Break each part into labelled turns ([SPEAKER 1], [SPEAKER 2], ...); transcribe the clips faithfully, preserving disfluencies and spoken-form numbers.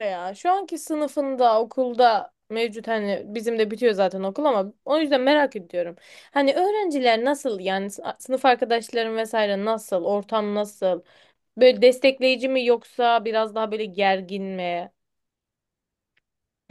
[SPEAKER 1] Ya. Şu anki sınıfında, okulda mevcut hani bizim de bitiyor zaten okul ama o yüzden merak ediyorum. Hani öğrenciler nasıl yani s- sınıf arkadaşlarım vesaire nasıl, ortam nasıl? Böyle destekleyici mi yoksa biraz daha böyle gergin mi?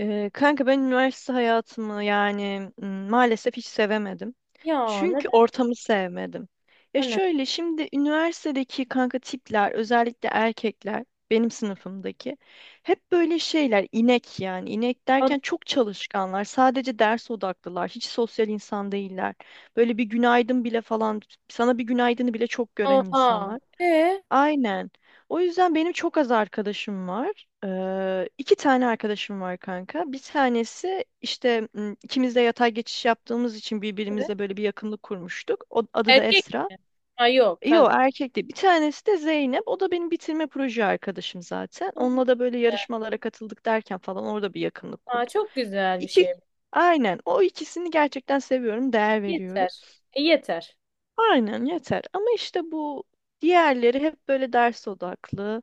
[SPEAKER 2] Ee, kanka, ben üniversite hayatımı yani m, maalesef hiç sevemedim.
[SPEAKER 1] Ya
[SPEAKER 2] Çünkü
[SPEAKER 1] neden?
[SPEAKER 2] ortamı sevmedim. Ya
[SPEAKER 1] Ana.
[SPEAKER 2] şöyle, şimdi üniversitedeki kanka tipler, özellikle erkekler, benim sınıfımdaki, hep böyle şeyler, inek yani. İnek
[SPEAKER 1] Ana-
[SPEAKER 2] derken çok çalışkanlar, sadece ders odaklılar, hiç sosyal insan değiller. Böyle bir günaydın bile falan, sana bir günaydını bile çok gören
[SPEAKER 1] Oha.
[SPEAKER 2] insanlar.
[SPEAKER 1] Ee,
[SPEAKER 2] Aynen. O yüzden benim çok az arkadaşım var. Ee, iki tane arkadaşım var kanka. Bir tanesi işte m, ikimiz de yatay geçiş yaptığımız için
[SPEAKER 1] evet.
[SPEAKER 2] birbirimizle böyle bir yakınlık kurmuştuk. O, adı da
[SPEAKER 1] Erkek
[SPEAKER 2] Esra.
[SPEAKER 1] mi? Ha yok, kız.
[SPEAKER 2] Yo, erkekti. Bir tanesi de Zeynep. O da benim bitirme proje arkadaşım zaten. Onunla da böyle yarışmalara katıldık derken falan orada bir yakınlık
[SPEAKER 1] Aa,
[SPEAKER 2] kurduk.
[SPEAKER 1] çok güzel bir
[SPEAKER 2] İki,
[SPEAKER 1] şey.
[SPEAKER 2] aynen. O ikisini gerçekten seviyorum, değer veriyorum.
[SPEAKER 1] Yeter. E, yeter.
[SPEAKER 2] Aynen, yeter. Ama işte bu diğerleri hep böyle ders odaklı.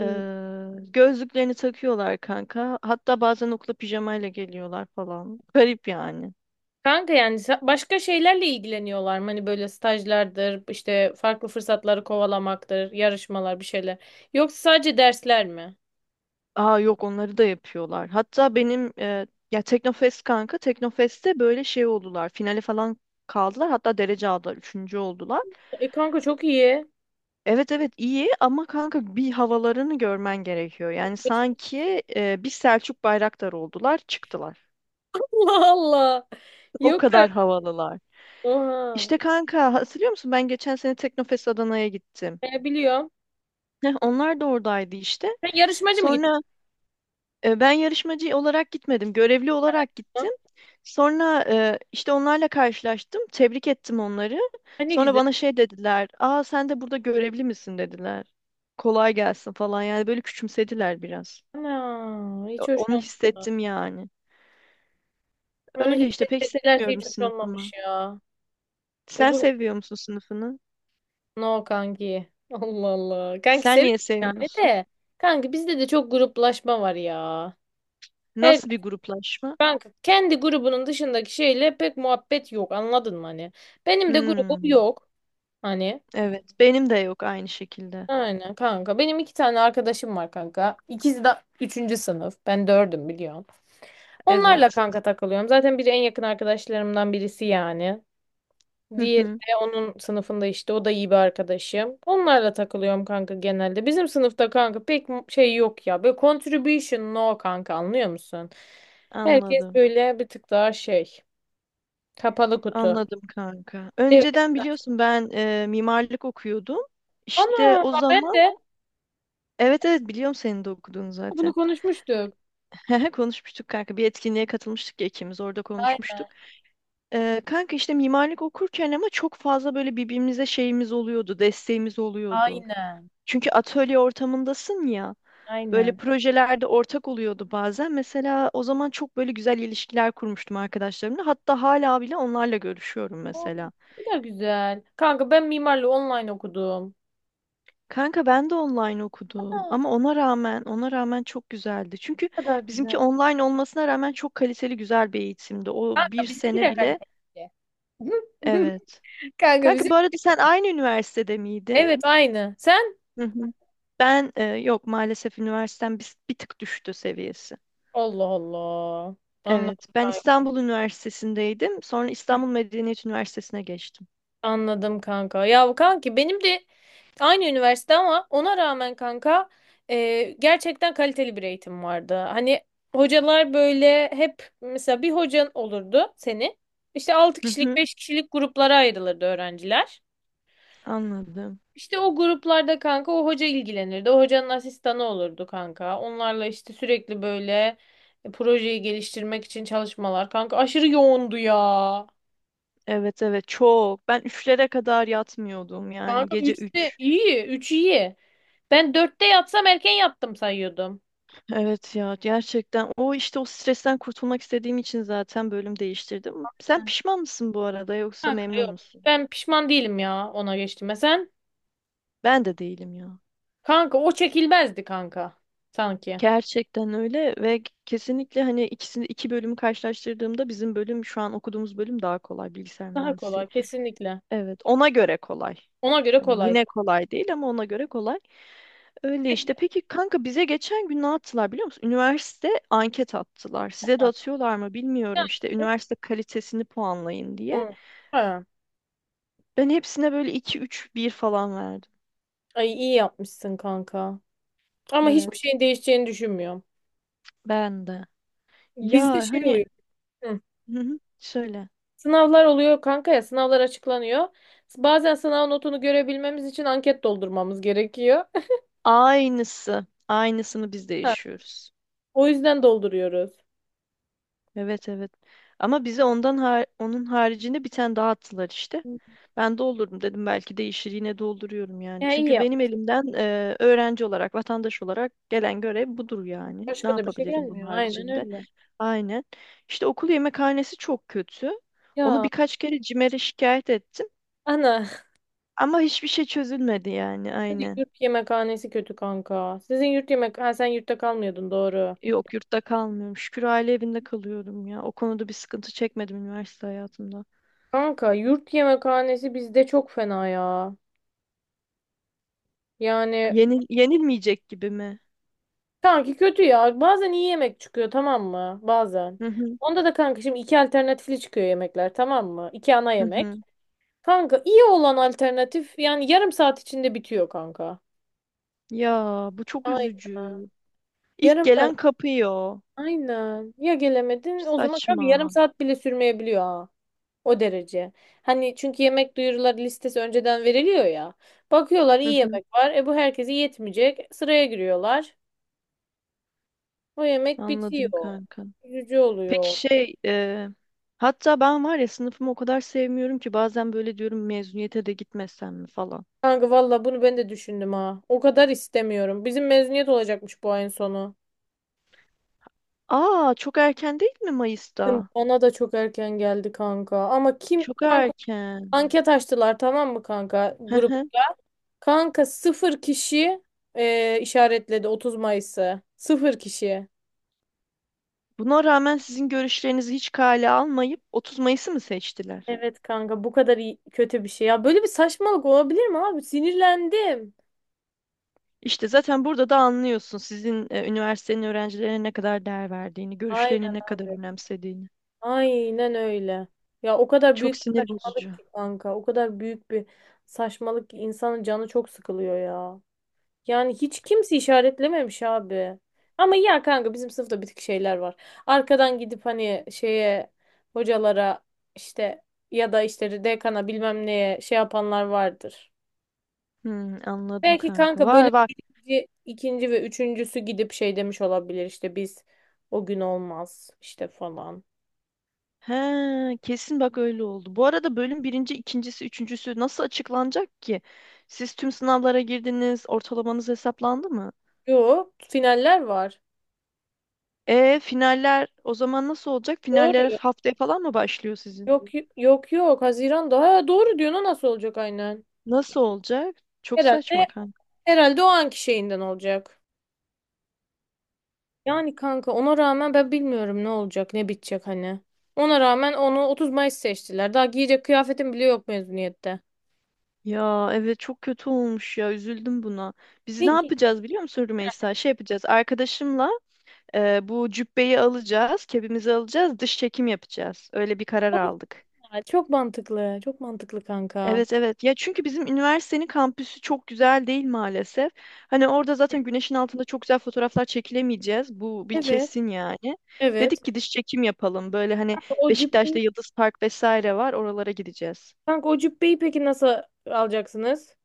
[SPEAKER 2] Ee, Gözlüklerini takıyorlar kanka. Hatta bazen okula pijamayla geliyorlar falan. Garip yani.
[SPEAKER 1] Kanka yani sa- başka şeylerle ilgileniyorlar mı? Hani böyle stajlardır, işte farklı fırsatları kovalamaktır, yarışmalar bir şeyler. Yoksa sadece dersler mi?
[SPEAKER 2] Aa, yok, onları da yapıyorlar. Hatta benim e, ya Teknofest kanka, Teknofest'te böyle şey oldular. Finale falan kaldılar. Hatta derece aldılar. Üçüncü oldular.
[SPEAKER 1] E kanka çok iyi.
[SPEAKER 2] Evet, evet, iyi ama kanka bir havalarını görmen gerekiyor. Yani sanki e, bir Selçuk Bayraktar oldular, çıktılar.
[SPEAKER 1] Allah Allah.
[SPEAKER 2] O
[SPEAKER 1] Yok
[SPEAKER 2] kadar
[SPEAKER 1] artık.
[SPEAKER 2] havalılar.
[SPEAKER 1] Oha.
[SPEAKER 2] İşte kanka, hatırlıyor musun, ben geçen sene Teknofest Adana'ya gittim.
[SPEAKER 1] E, biliyorum.
[SPEAKER 2] Heh, onlar da oradaydı işte.
[SPEAKER 1] Sen yarışmacı mı gittin?
[SPEAKER 2] Sonra e, ben yarışmacı olarak gitmedim. Görevli olarak
[SPEAKER 1] Ha,
[SPEAKER 2] gittim. Sonra e, işte onlarla karşılaştım. Tebrik ettim onları.
[SPEAKER 1] ne
[SPEAKER 2] Sonra
[SPEAKER 1] güzel.
[SPEAKER 2] bana şey dediler. Aa, sen de burada görevli misin, dediler. Kolay gelsin falan, yani böyle küçümsediler biraz.
[SPEAKER 1] Ana, hiç
[SPEAKER 2] O-
[SPEAKER 1] hoş
[SPEAKER 2] Onu
[SPEAKER 1] olmamış.
[SPEAKER 2] hissettim yani.
[SPEAKER 1] Onu
[SPEAKER 2] Öyle işte, pek
[SPEAKER 1] hissettirdilerse
[SPEAKER 2] sevmiyorum
[SPEAKER 1] hiç hoş olmamış
[SPEAKER 2] sınıfımı.
[SPEAKER 1] ya.
[SPEAKER 2] Sen
[SPEAKER 1] Olur. mu?
[SPEAKER 2] seviyor musun sınıfını?
[SPEAKER 1] No kanki. Allah Allah. Kanki
[SPEAKER 2] Sen niye
[SPEAKER 1] seviyorum yani
[SPEAKER 2] sevmiyorsun?
[SPEAKER 1] de. Kanki bizde de çok gruplaşma var ya. Her
[SPEAKER 2] Nasıl bir gruplaşma?
[SPEAKER 1] Kanka kendi grubunun dışındaki şeyle pek muhabbet yok, anladın mı hani? Benim de grubum
[SPEAKER 2] Hmm.
[SPEAKER 1] yok hani.
[SPEAKER 2] Evet. Benim de yok aynı şekilde.
[SPEAKER 1] Aynen kanka. Benim iki tane arkadaşım var kanka. İkisi de üçüncü sınıf. Ben dördüm biliyorum. Onlarla
[SPEAKER 2] Evet.
[SPEAKER 1] kanka takılıyorum. Zaten biri en yakın arkadaşlarımdan birisi yani.
[SPEAKER 2] Hı
[SPEAKER 1] Diğeri
[SPEAKER 2] hı.
[SPEAKER 1] de onun sınıfında, işte o da iyi bir arkadaşım. Onlarla takılıyorum kanka genelde. Bizim sınıfta kanka pek mu- şey yok ya. Böyle contribution no kanka anlıyor musun? Herkes
[SPEAKER 2] Anladım.
[SPEAKER 1] böyle bir tık daha şey. Kapalı kutu.
[SPEAKER 2] Anladım kanka.
[SPEAKER 1] Evet.
[SPEAKER 2] Önceden biliyorsun, ben e, mimarlık okuyordum. İşte
[SPEAKER 1] Ana
[SPEAKER 2] o
[SPEAKER 1] bak, ben
[SPEAKER 2] zaman,
[SPEAKER 1] de
[SPEAKER 2] evet, evet, biliyorum senin de okuduğunu
[SPEAKER 1] bunu
[SPEAKER 2] zaten.
[SPEAKER 1] konuşmuştuk.
[SPEAKER 2] Konuşmuştuk kanka. Bir etkinliğe katılmıştık ya, ikimiz orada konuşmuştuk.
[SPEAKER 1] Aynen.
[SPEAKER 2] E, kanka, işte mimarlık okurken ama çok fazla böyle birbirimize şeyimiz oluyordu, desteğimiz oluyordu.
[SPEAKER 1] Aynen.
[SPEAKER 2] Çünkü atölye ortamındasın ya. Böyle
[SPEAKER 1] Aynen.
[SPEAKER 2] projelerde ortak oluyordu bazen. Mesela o zaman çok böyle güzel ilişkiler kurmuştum arkadaşlarımla. Hatta hala bile onlarla görüşüyorum
[SPEAKER 1] Oo,
[SPEAKER 2] mesela.
[SPEAKER 1] ne kadar güzel. Kanka ben mimarlığı online okudum.
[SPEAKER 2] Kanka ben de online
[SPEAKER 1] Ana,
[SPEAKER 2] okudum ama ona rağmen ona rağmen çok güzeldi.
[SPEAKER 1] ne
[SPEAKER 2] Çünkü
[SPEAKER 1] kadar
[SPEAKER 2] bizimki
[SPEAKER 1] güzel.
[SPEAKER 2] online olmasına rağmen çok kaliteli, güzel bir eğitimdi. O bir
[SPEAKER 1] Kanka bizimki
[SPEAKER 2] sene
[SPEAKER 1] de
[SPEAKER 2] bile,
[SPEAKER 1] kaliteli.
[SPEAKER 2] evet.
[SPEAKER 1] Kanka
[SPEAKER 2] Kanka,
[SPEAKER 1] bizim.
[SPEAKER 2] bu arada, sen aynı üniversitede miydin?
[SPEAKER 1] Evet, aynı. Sen?
[SPEAKER 2] Hı hı. Ben e, yok, maalesef üniversitem bir, bir tık düştü seviyesi.
[SPEAKER 1] Allah Allah.
[SPEAKER 2] Evet,
[SPEAKER 1] Anladım
[SPEAKER 2] ben
[SPEAKER 1] kanka.
[SPEAKER 2] İstanbul Üniversitesi'ndeydim. Sonra İstanbul Medeniyet Üniversitesi'ne geçtim.
[SPEAKER 1] Anladım kanka. Ya bu kanki benim de aynı üniversite ama ona rağmen kanka, e, gerçekten kaliteli bir eğitim vardı. Hani hocalar böyle hep mesela bir hocan olurdu seni. İşte altı
[SPEAKER 2] Hı
[SPEAKER 1] kişilik
[SPEAKER 2] hı,
[SPEAKER 1] beş kişilik gruplara ayrılırdı öğrenciler.
[SPEAKER 2] anladım.
[SPEAKER 1] İşte o gruplarda kanka o hoca ilgilenirdi. O hocanın asistanı olurdu kanka. Onlarla işte sürekli böyle e, projeyi geliştirmek için çalışmalar. Kanka aşırı yoğundu ya.
[SPEAKER 2] Evet, evet, çok. Ben üçlere kadar yatmıyordum, yani
[SPEAKER 1] Kanka
[SPEAKER 2] gece
[SPEAKER 1] üç de
[SPEAKER 2] üç.
[SPEAKER 1] iyi. Üç iyi. Ben dörtte yatsam erken yattım sayıyordum.
[SPEAKER 2] Evet ya, gerçekten o, işte o stresten kurtulmak istediğim için zaten bölüm değiştirdim.
[SPEAKER 1] Ha,
[SPEAKER 2] Sen pişman mısın bu arada, yoksa memnun
[SPEAKER 1] yok.
[SPEAKER 2] musun?
[SPEAKER 1] Ben pişman değilim ya ona geçtiğime. Sen?
[SPEAKER 2] Ben de değilim ya.
[SPEAKER 1] Kanka o çekilmezdi kanka. Sanki.
[SPEAKER 2] Gerçekten öyle ve kesinlikle hani ikisini, iki bölümü karşılaştırdığımda bizim bölüm, şu an okuduğumuz bölüm daha kolay, bilgisayar
[SPEAKER 1] Daha
[SPEAKER 2] mühendisi.
[SPEAKER 1] kolay kesinlikle.
[SPEAKER 2] Evet, ona göre kolay.
[SPEAKER 1] Ona göre
[SPEAKER 2] Hani
[SPEAKER 1] kolay.
[SPEAKER 2] yine kolay değil ama ona göre kolay. Öyle işte. Peki kanka, bize geçen gün ne attılar biliyor musun? Üniversite anket attılar. Size de
[SPEAKER 1] Ha.
[SPEAKER 2] atıyorlar mı bilmiyorum işte. Üniversite kalitesini puanlayın diye.
[SPEAKER 1] Hı. Ha.
[SPEAKER 2] Ben hepsine böyle iki, üç, bir falan verdim.
[SPEAKER 1] Ay iyi yapmışsın kanka. Ama hiçbir
[SPEAKER 2] Evet.
[SPEAKER 1] şeyin değişeceğini düşünmüyorum.
[SPEAKER 2] Ben de. Ya
[SPEAKER 1] Bizde şey
[SPEAKER 2] hani.
[SPEAKER 1] oluyor. Hı.
[SPEAKER 2] Hı hı, şöyle.
[SPEAKER 1] Sınavlar oluyor kanka, ya sınavlar açıklanıyor. Bazen sınav notunu görebilmemiz için anket doldurmamız gerekiyor.
[SPEAKER 2] Aynısı. Aynısını biz de
[SPEAKER 1] Ha.
[SPEAKER 2] yaşıyoruz.
[SPEAKER 1] O yüzden dolduruyoruz.
[SPEAKER 2] Evet, evet. Ama bize ondan, har- onun haricinde bir tane daha attılar işte. Ben doldururum dedim, belki değişir, yine dolduruyorum yani.
[SPEAKER 1] Ya iyi
[SPEAKER 2] Çünkü benim
[SPEAKER 1] yapmışsın.
[SPEAKER 2] elimden e, öğrenci olarak, vatandaş olarak gelen görev budur yani. Ne
[SPEAKER 1] Başka da bir şey
[SPEAKER 2] yapabilirim bunun
[SPEAKER 1] gelmiyor. Aynen
[SPEAKER 2] haricinde?
[SPEAKER 1] öyle.
[SPEAKER 2] Aynen. İşte okul yemekhanesi çok kötü. Onu
[SPEAKER 1] Ya
[SPEAKER 2] birkaç kere CİMER'e şikayet ettim.
[SPEAKER 1] ana.
[SPEAKER 2] Ama hiçbir şey çözülmedi, yani
[SPEAKER 1] Sizin
[SPEAKER 2] aynen.
[SPEAKER 1] yurt yemekhanesi kötü kanka. Sizin yurt yemek... Ha sen yurtta kalmıyordun, doğru.
[SPEAKER 2] Yok, yurtta kalmıyorum. Şükür aile evinde kalıyorum ya. O konuda bir sıkıntı çekmedim üniversite hayatımda.
[SPEAKER 1] Kanka yurt yemekhanesi bizde çok fena ya. Yani
[SPEAKER 2] Yenil yenilmeyecek gibi mi?
[SPEAKER 1] kanki kötü ya. Bazen iyi yemek çıkıyor, tamam mı? Bazen. Onda da kanka şimdi iki alternatifli çıkıyor yemekler, tamam mı? İki ana
[SPEAKER 2] Hı
[SPEAKER 1] yemek.
[SPEAKER 2] hı.
[SPEAKER 1] Kanka iyi olan alternatif yani yarım saat içinde bitiyor kanka.
[SPEAKER 2] Ya bu çok
[SPEAKER 1] Aynen.
[SPEAKER 2] üzücü. İlk
[SPEAKER 1] Yarım saat.
[SPEAKER 2] gelen kapıyor.
[SPEAKER 1] Aynen. Ya gelemedin o zaman kanka,
[SPEAKER 2] Saçma.
[SPEAKER 1] yarım saat bile sürmeyebiliyor ha. O derece. Hani çünkü yemek duyuruları listesi önceden veriliyor ya. Bakıyorlar
[SPEAKER 2] Hı
[SPEAKER 1] iyi
[SPEAKER 2] hı.
[SPEAKER 1] yemek var. E bu herkese yetmeyecek. Sıraya giriyorlar. O yemek
[SPEAKER 2] Anladım
[SPEAKER 1] bitiyor.
[SPEAKER 2] kanka.
[SPEAKER 1] Üzücü
[SPEAKER 2] Peki
[SPEAKER 1] oluyor.
[SPEAKER 2] şey e, hatta ben var ya, sınıfımı o kadar sevmiyorum ki bazen böyle diyorum, mezuniyete de gitmesem mi falan.
[SPEAKER 1] Kanka valla bunu ben de düşündüm ha. O kadar istemiyorum. Bizim mezuniyet olacakmış bu ayın sonu.
[SPEAKER 2] Aa, çok erken değil mi Mayıs'ta?
[SPEAKER 1] Bana da çok erken geldi kanka. Ama kim
[SPEAKER 2] Çok
[SPEAKER 1] kanka
[SPEAKER 2] erken.
[SPEAKER 1] anket açtılar tamam mı kanka?
[SPEAKER 2] Hı
[SPEAKER 1] Grup
[SPEAKER 2] hı.
[SPEAKER 1] Kanka sıfır kişi e, işaretledi Otuz Mayıs'ı. Sıfır kişi.
[SPEAKER 2] Buna rağmen sizin görüşlerinizi hiç kale almayıp otuz Mayıs'ı mı seçtiler?
[SPEAKER 1] Evet kanka bu kadar iyi- kötü bir şey. Ya böyle bir saçmalık olabilir mi abi? Sinirlendim.
[SPEAKER 2] İşte zaten burada da anlıyorsun sizin, e, üniversitenin öğrencilerine ne kadar değer verdiğini, görüşlerini
[SPEAKER 1] Aynen
[SPEAKER 2] ne kadar
[SPEAKER 1] abi.
[SPEAKER 2] önemsediğini.
[SPEAKER 1] Aynen öyle. Ya o kadar
[SPEAKER 2] Çok
[SPEAKER 1] büyük bir
[SPEAKER 2] sinir bozucu.
[SPEAKER 1] saçmalık ki kanka. O kadar büyük bir saçmalık ki insanın canı çok sıkılıyor ya. Yani hiç kimse işaretlememiş abi. Ama ya kanka bizim sınıfta bir tık şeyler var. Arkadan gidip hani şeye hocalara işte ya da işte dekana bilmem neye şey yapanlar vardır.
[SPEAKER 2] Hmm, anladım
[SPEAKER 1] Belki
[SPEAKER 2] kanka.
[SPEAKER 1] kanka böyle
[SPEAKER 2] Var, var.
[SPEAKER 1] birinci, ikinci ve üçüncüsü gidip şey demiş olabilir işte biz o gün olmaz işte falan.
[SPEAKER 2] He, kesin bak öyle oldu. Bu arada bölüm birinci, ikincisi, üçüncüsü nasıl açıklanacak ki? Siz tüm sınavlara girdiniz, ortalamanız hesaplandı mı?
[SPEAKER 1] Yok, finaller var.
[SPEAKER 2] E, finaller o zaman nasıl olacak? Finaller
[SPEAKER 1] Doğru.
[SPEAKER 2] haftaya falan mı başlıyor sizin?
[SPEAKER 1] Yok yok yok Haziran'da. Ha, doğru diyorsun, o nasıl olacak aynen.
[SPEAKER 2] Nasıl olacak? Çok saçma
[SPEAKER 1] Herhalde
[SPEAKER 2] kanka.
[SPEAKER 1] herhalde o anki şeyinden olacak. Yani kanka ona rağmen ben bilmiyorum ne olacak, ne bitecek hani. Ona rağmen onu otuz Mayıs seçtiler. Daha giyecek kıyafetim bile yok mezuniyette.
[SPEAKER 2] Ya evet, çok kötü olmuş ya, üzüldüm buna. Biz ne
[SPEAKER 1] Ne ki?
[SPEAKER 2] yapacağız biliyor musun Rümeysa? Şey yapacağız arkadaşımla. Ee, bu cübbeyi alacağız, kebimizi alacağız, dış çekim yapacağız. Öyle bir karar aldık.
[SPEAKER 1] Ya? Çok mantıklı. Çok mantıklı kanka.
[SPEAKER 2] Evet, evet. Ya çünkü bizim üniversitenin kampüsü çok güzel değil maalesef. Hani orada zaten güneşin altında çok güzel fotoğraflar çekilemeyeceğiz. Bu bir
[SPEAKER 1] Evet.
[SPEAKER 2] kesin yani.
[SPEAKER 1] Evet.
[SPEAKER 2] Dedik ki dış çekim yapalım. Böyle hani
[SPEAKER 1] O
[SPEAKER 2] Beşiktaş'ta
[SPEAKER 1] cübbeyi,
[SPEAKER 2] Yıldız Park vesaire var. Oralara gideceğiz.
[SPEAKER 1] kanka o cübbeyi peki nasıl alacaksınız?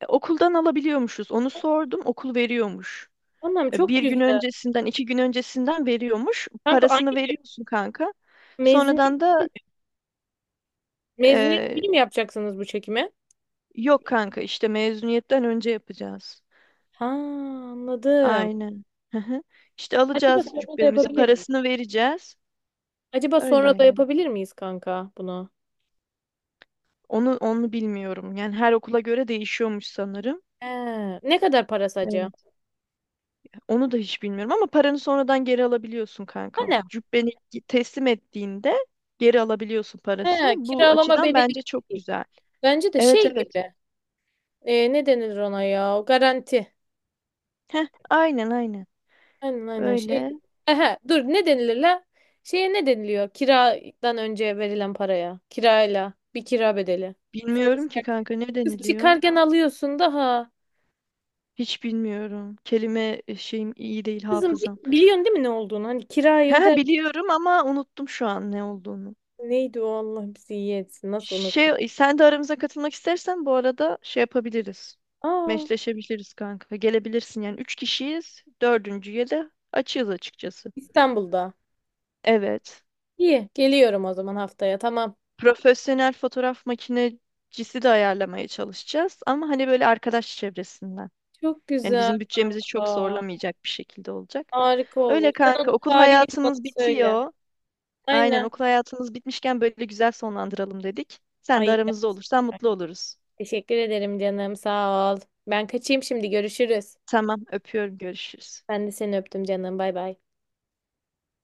[SPEAKER 2] E, okuldan alabiliyormuşuz. Onu sordum. Okul veriyormuş.
[SPEAKER 1] Annem
[SPEAKER 2] E,
[SPEAKER 1] çok
[SPEAKER 2] bir gün
[SPEAKER 1] güzel.
[SPEAKER 2] öncesinden, iki gün öncesinden veriyormuş.
[SPEAKER 1] Kanka
[SPEAKER 2] Parasını
[SPEAKER 1] aynı
[SPEAKER 2] veriyorsun kanka.
[SPEAKER 1] mezuniyet,
[SPEAKER 2] Sonradan da
[SPEAKER 1] mezuniyet günü mü yapacaksınız bu çekimi?
[SPEAKER 2] Yok kanka, işte mezuniyetten önce yapacağız.
[SPEAKER 1] Ha, anladım.
[SPEAKER 2] Aynen. Hı hı. İşte
[SPEAKER 1] Acaba
[SPEAKER 2] alacağız
[SPEAKER 1] sonra da
[SPEAKER 2] cübbemizi,
[SPEAKER 1] yapabilir miyiz?
[SPEAKER 2] parasını vereceğiz.
[SPEAKER 1] Acaba
[SPEAKER 2] Öyle
[SPEAKER 1] sonra da
[SPEAKER 2] yani.
[SPEAKER 1] yapabilir miyiz kanka bunu?
[SPEAKER 2] Onu onu bilmiyorum. Yani her okula göre değişiyormuş sanırım.
[SPEAKER 1] He, ne kadar parası acaba?
[SPEAKER 2] Evet. Onu da hiç bilmiyorum ama paranı sonradan geri alabiliyorsun
[SPEAKER 1] Ha,
[SPEAKER 2] kanka.
[SPEAKER 1] ne?
[SPEAKER 2] Cübbeni teslim ettiğinde geri alabiliyorsun parasını.
[SPEAKER 1] He,
[SPEAKER 2] Bu
[SPEAKER 1] kiralama
[SPEAKER 2] açıdan
[SPEAKER 1] bedeli
[SPEAKER 2] bence çok
[SPEAKER 1] gibi.
[SPEAKER 2] güzel.
[SPEAKER 1] Bence de
[SPEAKER 2] Evet,
[SPEAKER 1] şey
[SPEAKER 2] evet.
[SPEAKER 1] gibi. E, ne denilir ona ya? O garanti.
[SPEAKER 2] Heh, aynen, aynen.
[SPEAKER 1] Aynen aynen şey
[SPEAKER 2] Öyle.
[SPEAKER 1] gibi. Ehe, dur ne denilir la? Şeye ne deniliyor? Kiradan önce verilen paraya. Kirayla. Bir kira bedeli. Sonra
[SPEAKER 2] Bilmiyorum ki
[SPEAKER 1] çıkarken
[SPEAKER 2] kanka, ne
[SPEAKER 1] Kız
[SPEAKER 2] deniliyor?
[SPEAKER 1] çıkarken alıyorsun daha.
[SPEAKER 2] Hiç bilmiyorum. Kelime e, şeyim iyi değil,
[SPEAKER 1] Kızım bi-
[SPEAKER 2] hafızam.
[SPEAKER 1] biliyorsun değil mi ne olduğunu? Hani kirayı
[SPEAKER 2] Ha,
[SPEAKER 1] öder.
[SPEAKER 2] biliyorum ama unuttum şu an ne olduğunu.
[SPEAKER 1] Neydi o, Allah bizi iyi etsin. Nasıl unuttum?
[SPEAKER 2] Şey, sen de aramıza katılmak istersen bu arada şey yapabiliriz.
[SPEAKER 1] Aa,
[SPEAKER 2] Meşleşebiliriz kanka. Gelebilirsin yani. Üç kişiyiz. Dördüncüye de açığız açıkçası.
[SPEAKER 1] İstanbul'da.
[SPEAKER 2] Evet.
[SPEAKER 1] İyi. Geliyorum o zaman haftaya. Tamam.
[SPEAKER 2] Profesyonel fotoğraf makinecisi de ayarlamaya çalışacağız. Ama hani böyle arkadaş çevresinden.
[SPEAKER 1] Çok
[SPEAKER 2] Yani
[SPEAKER 1] güzel.
[SPEAKER 2] bizim bütçemizi çok
[SPEAKER 1] Aa.
[SPEAKER 2] zorlamayacak bir şekilde olacak.
[SPEAKER 1] Harika
[SPEAKER 2] Öyle
[SPEAKER 1] olur. Sen
[SPEAKER 2] kanka.
[SPEAKER 1] onun
[SPEAKER 2] Okul
[SPEAKER 1] tarihini bana
[SPEAKER 2] hayatımız
[SPEAKER 1] söyle.
[SPEAKER 2] bitiyor. Aynen,
[SPEAKER 1] Aynen.
[SPEAKER 2] okul hayatımız bitmişken böyle güzel sonlandıralım dedik. Sen de
[SPEAKER 1] Ay,
[SPEAKER 2] aramızda olursan mutlu oluruz.
[SPEAKER 1] teşekkür ederim canım. Sağ ol. Ben kaçayım şimdi. Görüşürüz.
[SPEAKER 2] Tamam, öpüyorum. Görüşürüz.
[SPEAKER 1] Ben de seni öptüm canım. Bay bay.